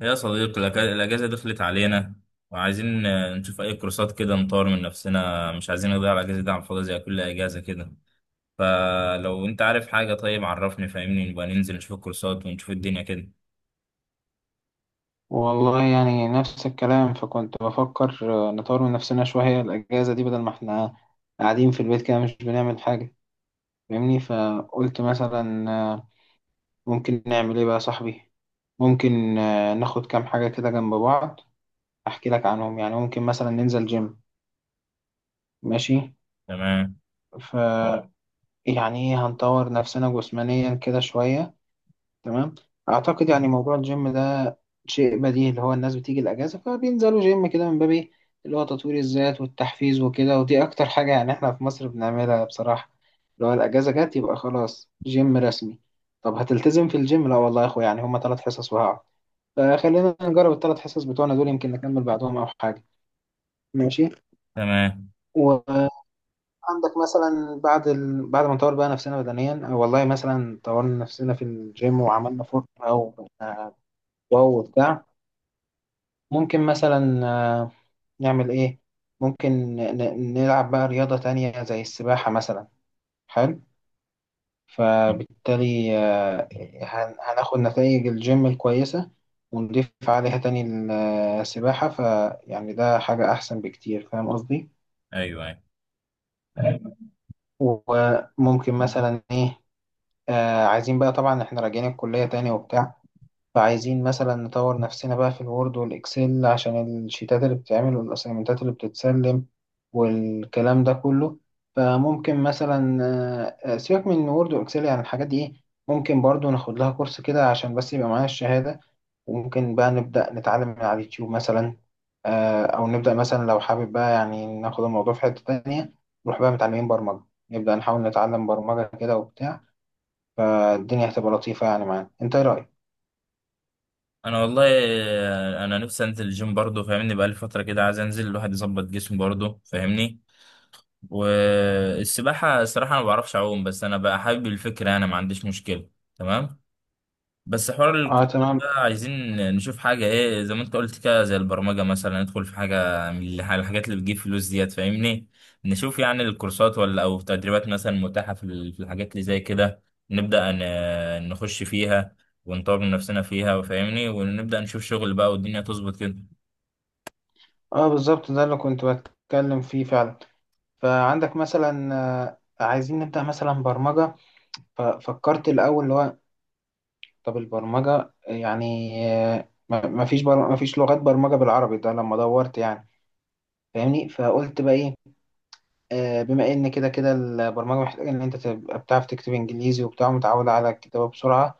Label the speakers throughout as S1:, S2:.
S1: يا صديقي، الأجازة دخلت علينا، وعايزين نشوف أي كورسات كده نطور من نفسنا. مش عايزين نضيع الأجازة دي على الفاضي زي كل أجازة كده. فلو أنت عارف حاجة طيب عرفني فاهمني، نبقى ننزل نشوف الكورسات ونشوف الدنيا كده.
S2: والله يعني نفس الكلام فكنت بفكر، نطور من نفسنا شوية الأجازة دي بدل ما احنا قاعدين في البيت كده مش بنعمل حاجة. فاهمني، فقلت مثلا ممكن نعمل ايه بقى يا صاحبي؟ ممكن ناخد كام حاجة كده جنب بعض، أحكي لك عنهم. يعني ممكن مثلا ننزل جيم. ماشي.
S1: تمام.
S2: ف يعني إيه، هنطور نفسنا جسمانيا كده شوية. تمام. اعتقد يعني موضوع الجيم ده شيء بديهي، اللي هو الناس بتيجي الاجازه فبينزلوا جيم كده من باب ايه، اللي هو تطوير الذات والتحفيز وكده، ودي اكتر حاجه يعني احنا في مصر بنعملها بصراحه، اللي هو الاجازه جت يبقى خلاص جيم رسمي. طب هتلتزم في الجيم؟ لا والله يا اخويا، يعني هما 3 حصص وهقعد، فخلينا نجرب الثلاث حصص بتوعنا دول، يمكن نكمل بعدهم او حاجه. ماشي.
S1: تمام.
S2: وعندك مثلا بعد ما نطور بقى نفسنا بدنيا، أو والله مثلا طورنا نفسنا في الجيم وعملنا فورمه او بقينا واو وبتاع. ممكن مثلا نعمل إيه؟ ممكن نلعب بقى رياضة تانية زي السباحة مثلا. حلو. فبالتالي هناخد نتائج الجيم الكويسة، ونضيف عليها تاني السباحة. فيعني ده حاجة أحسن بكتير. فاهم قصدي؟
S1: أيوه أيوه.
S2: وممكن مثلا إيه، عايزين بقى طبعا إحنا راجعين الكلية تاني وبتاع. فعايزين مثلا نطور نفسنا بقى في الوورد والإكسل عشان الشيتات اللي بتتعمل والأسايمنتات اللي بتتسلم والكلام ده كله. فممكن مثلا سيبك من وورد وإكسل، يعني الحاجات دي إيه. ممكن برضو ناخد لها كورس كده عشان بس يبقى معانا الشهادة. وممكن بقى نبدأ نتعلم من على اليوتيوب مثلا، أو نبدأ مثلا لو حابب بقى يعني ناخد الموضوع في حتة تانية، نروح بقى متعلمين برمجة، نبدأ نحاول نتعلم برمجة كده وبتاع. فالدنيا هتبقى لطيفة يعني معانا. أنت إيه رأيك؟
S1: أنا والله أنا نفسي أنزل الجيم برضه فاهمني، بقالي فترة كده عايز أنزل، الواحد يظبط جسمه برضه فاهمني. والسباحة الصراحة أنا ما بعرفش أعوم، بس أنا بقى حابب الفكرة، أنا ما عنديش مشكلة. تمام. بس حوار
S2: اه
S1: الكورسات
S2: تمام.
S1: ده، عايزين نشوف حاجة ايه زي ما انت قلت كده، زي البرمجة مثلا، ندخل في حاجة من الحاجات اللي بتجيب فلوس ديت فاهمني. نشوف يعني الكورسات ولا او تدريبات مثلا متاحة في في الحاجات اللي زي كده، نبدأ نخش فيها ونطور من نفسنا فيها وفاهمني، ونبدأ نشوف شغل بقى والدنيا تظبط كده.
S2: اه بالظبط، ده اللي كنت بتكلم فيه فعلا. فعندك مثلا عايزين نبدأ مثلا برمجة، ففكرت الأول اللي هو، طب البرمجة يعني ما فيش لغات برمجة بالعربي ده لما دورت يعني. فاهمني، فقلت بقى ايه، بما ان كده كده البرمجة محتاجة ان انت تبقى بتعرف تكتب انجليزي وبتاع، متعود على الكتابة بسرعة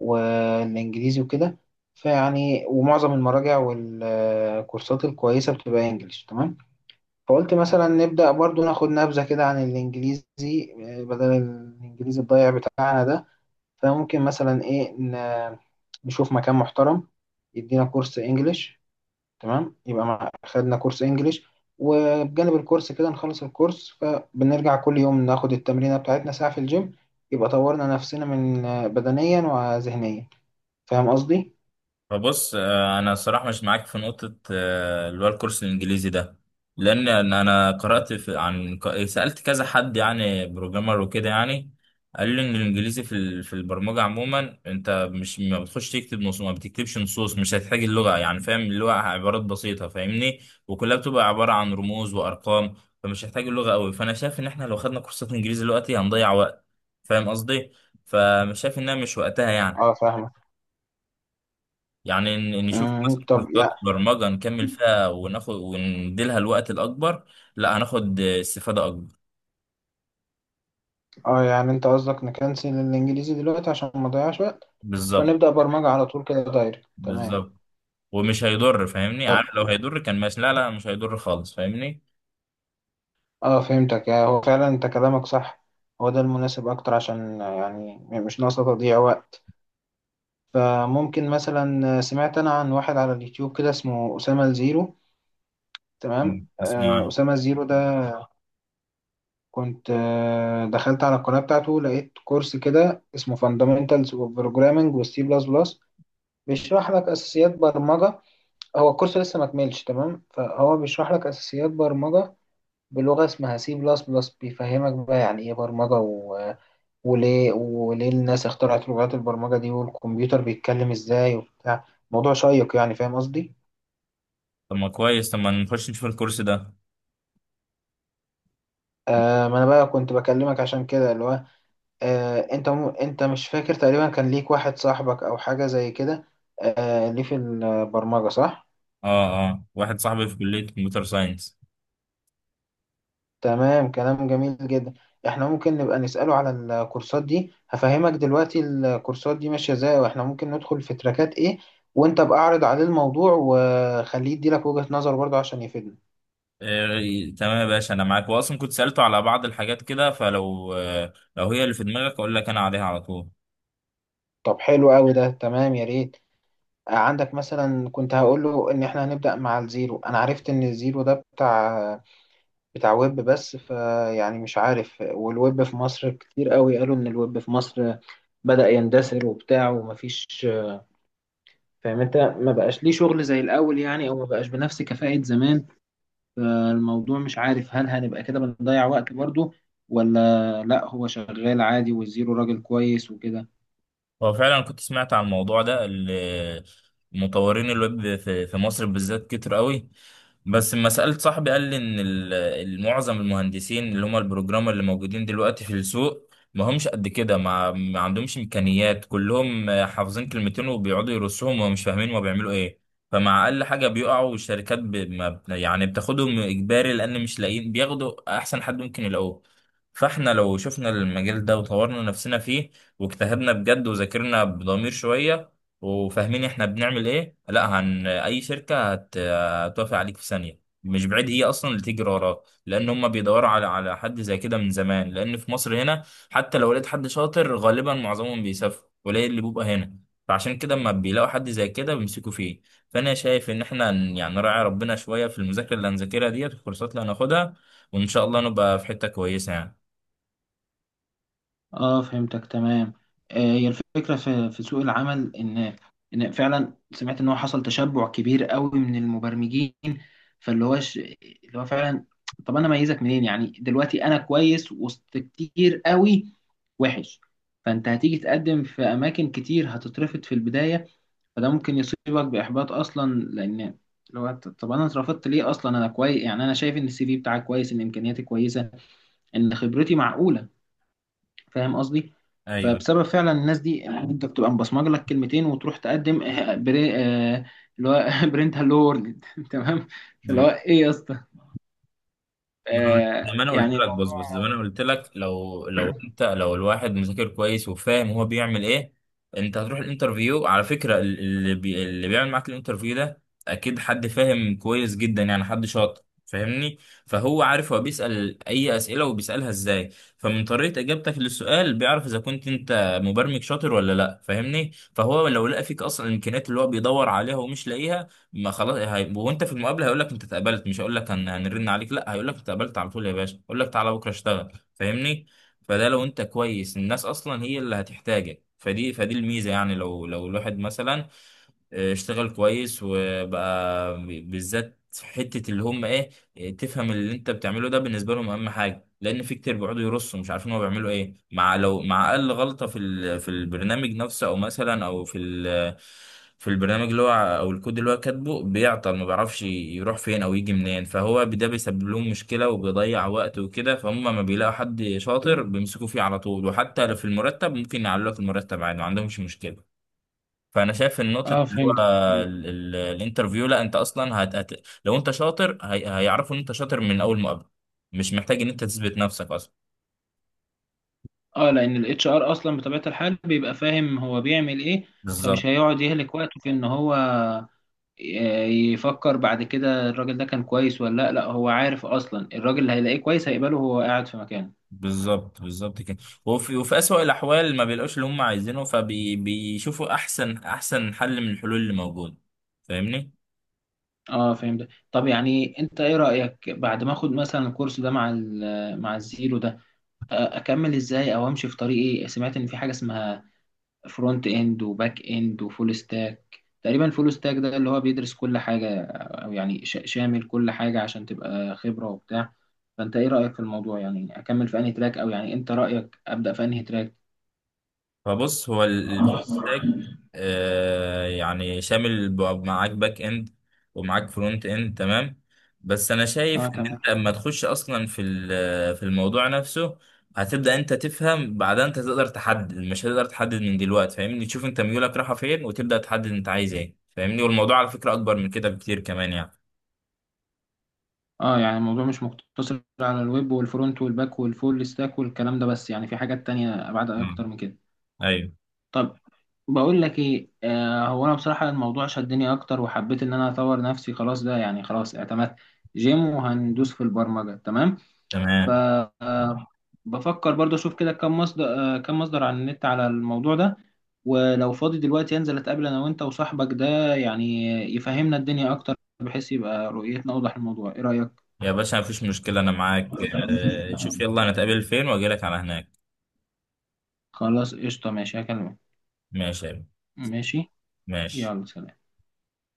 S2: والانجليزي وكده. فيعني ومعظم المراجع والكورسات الكويسة بتبقى انجليش. تمام، فقلت مثلا نبدأ برضو ناخد نبذة كده عن الإنجليزي، بدل الإنجليزي الضايع بتاعنا ده. فممكن مثلا إيه، نشوف مكان محترم يدينا كورس إنجليش. تمام، يبقى خدنا كورس إنجليش، وبجانب الكورس كده نخلص الكورس، فبنرجع كل يوم ناخد التمرينة بتاعتنا ساعة في الجيم. يبقى طورنا نفسنا من بدنيا وذهنيا. فاهم قصدي؟
S1: فبص انا صراحة مش معاك في نقطة، اللي هو الكورس الانجليزي ده. لان أنا قرأت في، عن سألت كذا حد يعني بروجرامر وكده يعني، قال لي ان الانجليزي في في البرمجة عموما، انت مش، ما بتخش تكتب نصوص، ما بتكتبش نصوص، مش هتحتاج اللغة يعني، فاهم اللغة عبارات بسيطة فاهمني، وكلها بتبقى عبارة عن رموز وارقام. فمش هتحتاج اللغة قوي، فانا شايف ان احنا لو خدنا كورسات انجليزي دلوقتي هنضيع وقت فاهم قصدي، فمش شايف انها، مش وقتها يعني.
S2: اه فاهمك.
S1: يعني نشوف مثلا
S2: مم، طب.
S1: كورسات برمجة نكمل فيها وناخد، ونديلها الوقت الأكبر. لا هناخد استفادة أكبر.
S2: اه، يعني انت قصدك نكنسل الانجليزي دلوقتي عشان ما نضيعش وقت،
S1: بالظبط.
S2: فنبدأ برمجة على طول كده دايركت؟ تمام.
S1: بالظبط. ومش هيضر فاهمني،
S2: طب،
S1: عارف لو هيضر كان ماشي، لا لا مش هيضر خالص فاهمني.
S2: اه فهمتك. هو فعلا انت كلامك صح، هو ده المناسب اكتر، عشان يعني مش ناقصة تضييع وقت. فممكن مثلا سمعت انا عن واحد على اليوتيوب كده اسمه أسامة الزيرو. تمام.
S1: مم. اسمع.
S2: أسامة الزيرو ده كنت دخلت على القناة بتاعته، لقيت كورس كده اسمه Fundamentals of Programming وال C++، بيشرح لك أساسيات برمجة. هو الكورس لسه ما كملش. تمام، فهو بيشرح لك اساسيات برمجه بلغه اسمها سي بلس بلس، بيفهمك بقى يعني ايه برمجه وليه الناس اخترعت لغات البرمجه دي، والكمبيوتر بيتكلم ازاي وبتاع. موضوع شيق يعني. فاهم قصدي؟
S1: طب ما كويس، طب ما نخش نشوف الكورس ده.
S2: ما انا بقى كنت بكلمك عشان كده، اللي هو، انت مش فاكر تقريبا كان ليك واحد صاحبك او حاجه زي كده، ليه في البرمجه، صح؟
S1: اه اه، واحد صاحبي في كلية كمبيوتر ساينس.
S2: تمام، كلام جميل جدا. احنا ممكن نبقى نسأله على الكورسات دي، هفهمك دلوقتي الكورسات دي ماشية ازاي واحنا ممكن ندخل في تراكات ايه، وانت بقى اعرض عليه الموضوع وخليه يديلك وجهة نظر برضه عشان يفيدنا.
S1: إيه، تمام يا باشا، انا معاك، واصلا كنت سألته على بعض الحاجات كده، فلو لو هي اللي في دماغك اقول لك انا عليها على طول.
S2: طب حلو قوي ده، تمام يا ريت. عندك مثلا كنت هقول له ان احنا هنبدأ مع الزيرو. انا عرفت ان الزيرو ده بتاع ويب بس، فيعني مش عارف، والويب في مصر كتير قوي، قالوا ان الويب في مصر بدأ يندثر وبتاع ومفيش. فاهم انت، ما بقاش ليه شغل زي الاول يعني، او ما بقاش بنفس كفاءة زمان. فالموضوع مش عارف، هل هنبقى كده بنضيع وقت برضه، ولا لا هو شغال عادي والزيرو راجل كويس وكده.
S1: هو فعلا كنت سمعت عن الموضوع ده. مطورين الويب في مصر بالذات كتير قوي. بس لما سألت صاحبي قال لي ان معظم المهندسين اللي هم البروجرامر اللي موجودين دلوقتي في السوق ما همش قد كده، ما عندهمش امكانيات، كلهم حافظين كلمتين وبيقعدوا يرصهم ومش فاهمين هما بيعملوا ايه. فمع اقل حاجه بيقعوا، والشركات ب... ما... ب- يعني بتاخدهم اجباري لان مش لاقيين، بياخدوا احسن حد ممكن يلاقوه. فاحنا لو شفنا المجال ده وطورنا نفسنا فيه، واجتهدنا بجد وذاكرنا بضمير شوية، وفاهمين احنا بنعمل ايه، لا هن، اي شركة هتوافق عليك في ثانية، مش بعيد هي اصلا اللي تيجي وراك، لان هم بيدوروا على حد زي كده من زمان، لان في مصر هنا حتى لو لقيت حد شاطر غالبا معظمهم بيسافروا، قليل اللي بيبقى هنا، فعشان كده اما بيلاقوا حد زي كده بيمسكوا فيه. فانا شايف ان احنا يعني نراعي ربنا شوية في المذاكرة اللي هنذاكرها ديت، الكورسات اللي هناخدها، وان شاء الله نبقى في حتة كويسة يعني.
S2: اه فهمتك تمام. هي الفكرة في سوق العمل، ان فعلا سمعت ان هو حصل تشبع كبير قوي من المبرمجين. فاللي هو ش... اللي هو فعلا، طب انا اميزك منين يعني؟ دلوقتي انا كويس، وسط، كتير قوي، وحش. فانت هتيجي تقدم في اماكن كتير، هتترفض في البداية. فده ممكن يصيبك باحباط اصلا، لان طب انا اترفضت ليه اصلا؟ انا كويس يعني، انا شايف ان السي في بتاعك كويس، ان امكانياتي كويسة، ان خبرتي معقولة. فاهم قصدي؟
S1: ايوه.
S2: فبسبب فعلا الناس دي يعني، انت بتبقى مبصمج لك كلمتين وتروح تقدم، آه، بري آه، اللي هو برنت هالو وورلد تمام، فاللي هو ايه يا اسطى،
S1: ما أنا- قلت- زي ما انا قلت
S2: يعني
S1: لك،
S2: الموضوع.
S1: بص بص، زي ما انا قلت لك، لو انت، لو الواحد مذاكر كويس وفاهم هو بيعمل ايه، انت هتروح الانترفيو على فكره، اللي اللي بيعمل معاك الانترفيو ده اكيد حد فاهم كويس جدا، يعني حد شاطر فاهمني، فهو عارف هو بيسال اي اسئله وبيسالها ازاي، فمن طريقه اجابتك للسؤال بيعرف اذا كنت انت مبرمج شاطر ولا لا فاهمني. فهو لو لقى فيك اصلا الامكانيات اللي هو بيدور عليها ومش لاقيها، ما خلاص هي... وانت في المقابله هيقول لك انت اتقبلت، مش هيقول لك هنرن عليك، لا هيقول لك اتقبلت على طول يا باشا، يقول لك تعالى بكره اشتغل فاهمني. فده لو انت كويس، الناس اصلا هي اللي هتحتاجك، فدي الميزه، يعني لو الواحد مثلا اشتغل كويس وبقى، بالذات في حتة اللي هم ايه، تفهم اللي انت بتعمله ده بالنسبة لهم اهم حاجة. لان في كتير بيقعدوا يرصوا مش عارفين هو بيعملوا ايه، مع لو مع اقل غلطة في في البرنامج نفسه، او مثلا او في ال، في البرنامج اللي هو، او الكود اللي هو كاتبه بيعطل، ما بيعرفش يروح فين او يجي منين، فهو ده بيسبب لهم مشكلة وبيضيع وقت وكده، فهم ما بيلاقوا حد شاطر بيمسكوا فيه على طول، وحتى لو في المرتب ممكن يعلوا لك المرتب عادي ما عندهمش مشكلة. فانا شايف ان نقطه
S2: اه
S1: اللي هو
S2: فهمتك.
S1: الانترفيو، لا انت اصلا لو انت شاطر هيعرفوا ان انت شاطر من اول مقابله، مش محتاج ان انت تثبت نفسك اصلا.
S2: اه، لان الاتش ار اصلا بطبيعه الحال بيبقى فاهم هو بيعمل ايه، فمش
S1: بالظبط.
S2: هيقعد يهلك وقته في ان هو يفكر بعد كده الراجل ده كان كويس ولا لا. لا، هو عارف اصلا الراجل اللي هيلاقيه كويس هيقبله وهو قاعد في مكانه.
S1: بالظبط بالظبط كده. وفي اسوأ الاحوال ما بيلاقوش اللي هم عايزينه، فبيشوفوا احسن احسن حل من الحلول اللي موجوده فاهمني.
S2: اه فهمت. طب يعني انت ايه رأيك بعد ما اخد مثلا الكورس ده مع مع الزيرو ده؟ اكمل ازاي، او امشي في طريق ايه؟ سمعت ان في حاجة اسمها فرونت اند وباك اند وفول ستاك. تقريبا فول ستاك ده اللي هو بيدرس كل حاجة، او يعني شامل كل حاجة عشان تبقى خبرة وبتاع. فانت ايه رأيك في الموضوع يعني؟ اكمل في انهي تراك، او يعني انت رأيك ابدأ في انهي تراك؟
S1: فبص، هو الفول ستاك آه يعني شامل معاك باك اند ومعاك فرونت اند تمام. بس انا شايف
S2: اه،
S1: ان انت لما تخش اصلا في في الموضوع نفسه هتبدأ انت تفهم، بعدها انت تقدر تحدد، مش هتقدر تحدد من دلوقتي فاهمني. تشوف انت ميولك رايحة فين وتبدأ تحدد انت عايز ايه فاهمني، والموضوع على فكرة اكبر من كده بكتير كمان يعني.
S2: اه، يعني الموضوع مش مقتصر على الويب والفرونت والباك والفول ستاك والكلام ده بس، يعني في حاجات تانية ابعد
S1: مم.
S2: اكتر من كده.
S1: ايوه.
S2: طب، بقول لك ايه، هو انا بصراحة الموضوع شدني اكتر، وحبيت ان انا اطور نفسي. خلاص ده يعني، خلاص اعتمدت جيم وهندوس في البرمجة. تمام. ف
S1: تمام
S2: آه، بفكر برضه اشوف كده كم مصدر على النت على الموضوع ده. ولو فاضي دلوقتي انزل اتقابل انا وانت وصاحبك ده، يعني يفهمنا الدنيا اكتر، بحيث يبقى رؤيتنا اوضح الموضوع. ايه رأيك؟
S1: يا باشا، مفيش مشكلة، انا معاك. آه شوف يلا، انا اتقابل فين واجيلك على هناك.
S2: خلاص قشطة، ماشي هكلمك.
S1: ماشي يا بيه.
S2: ماشي.
S1: ماشي.
S2: يلا سلام.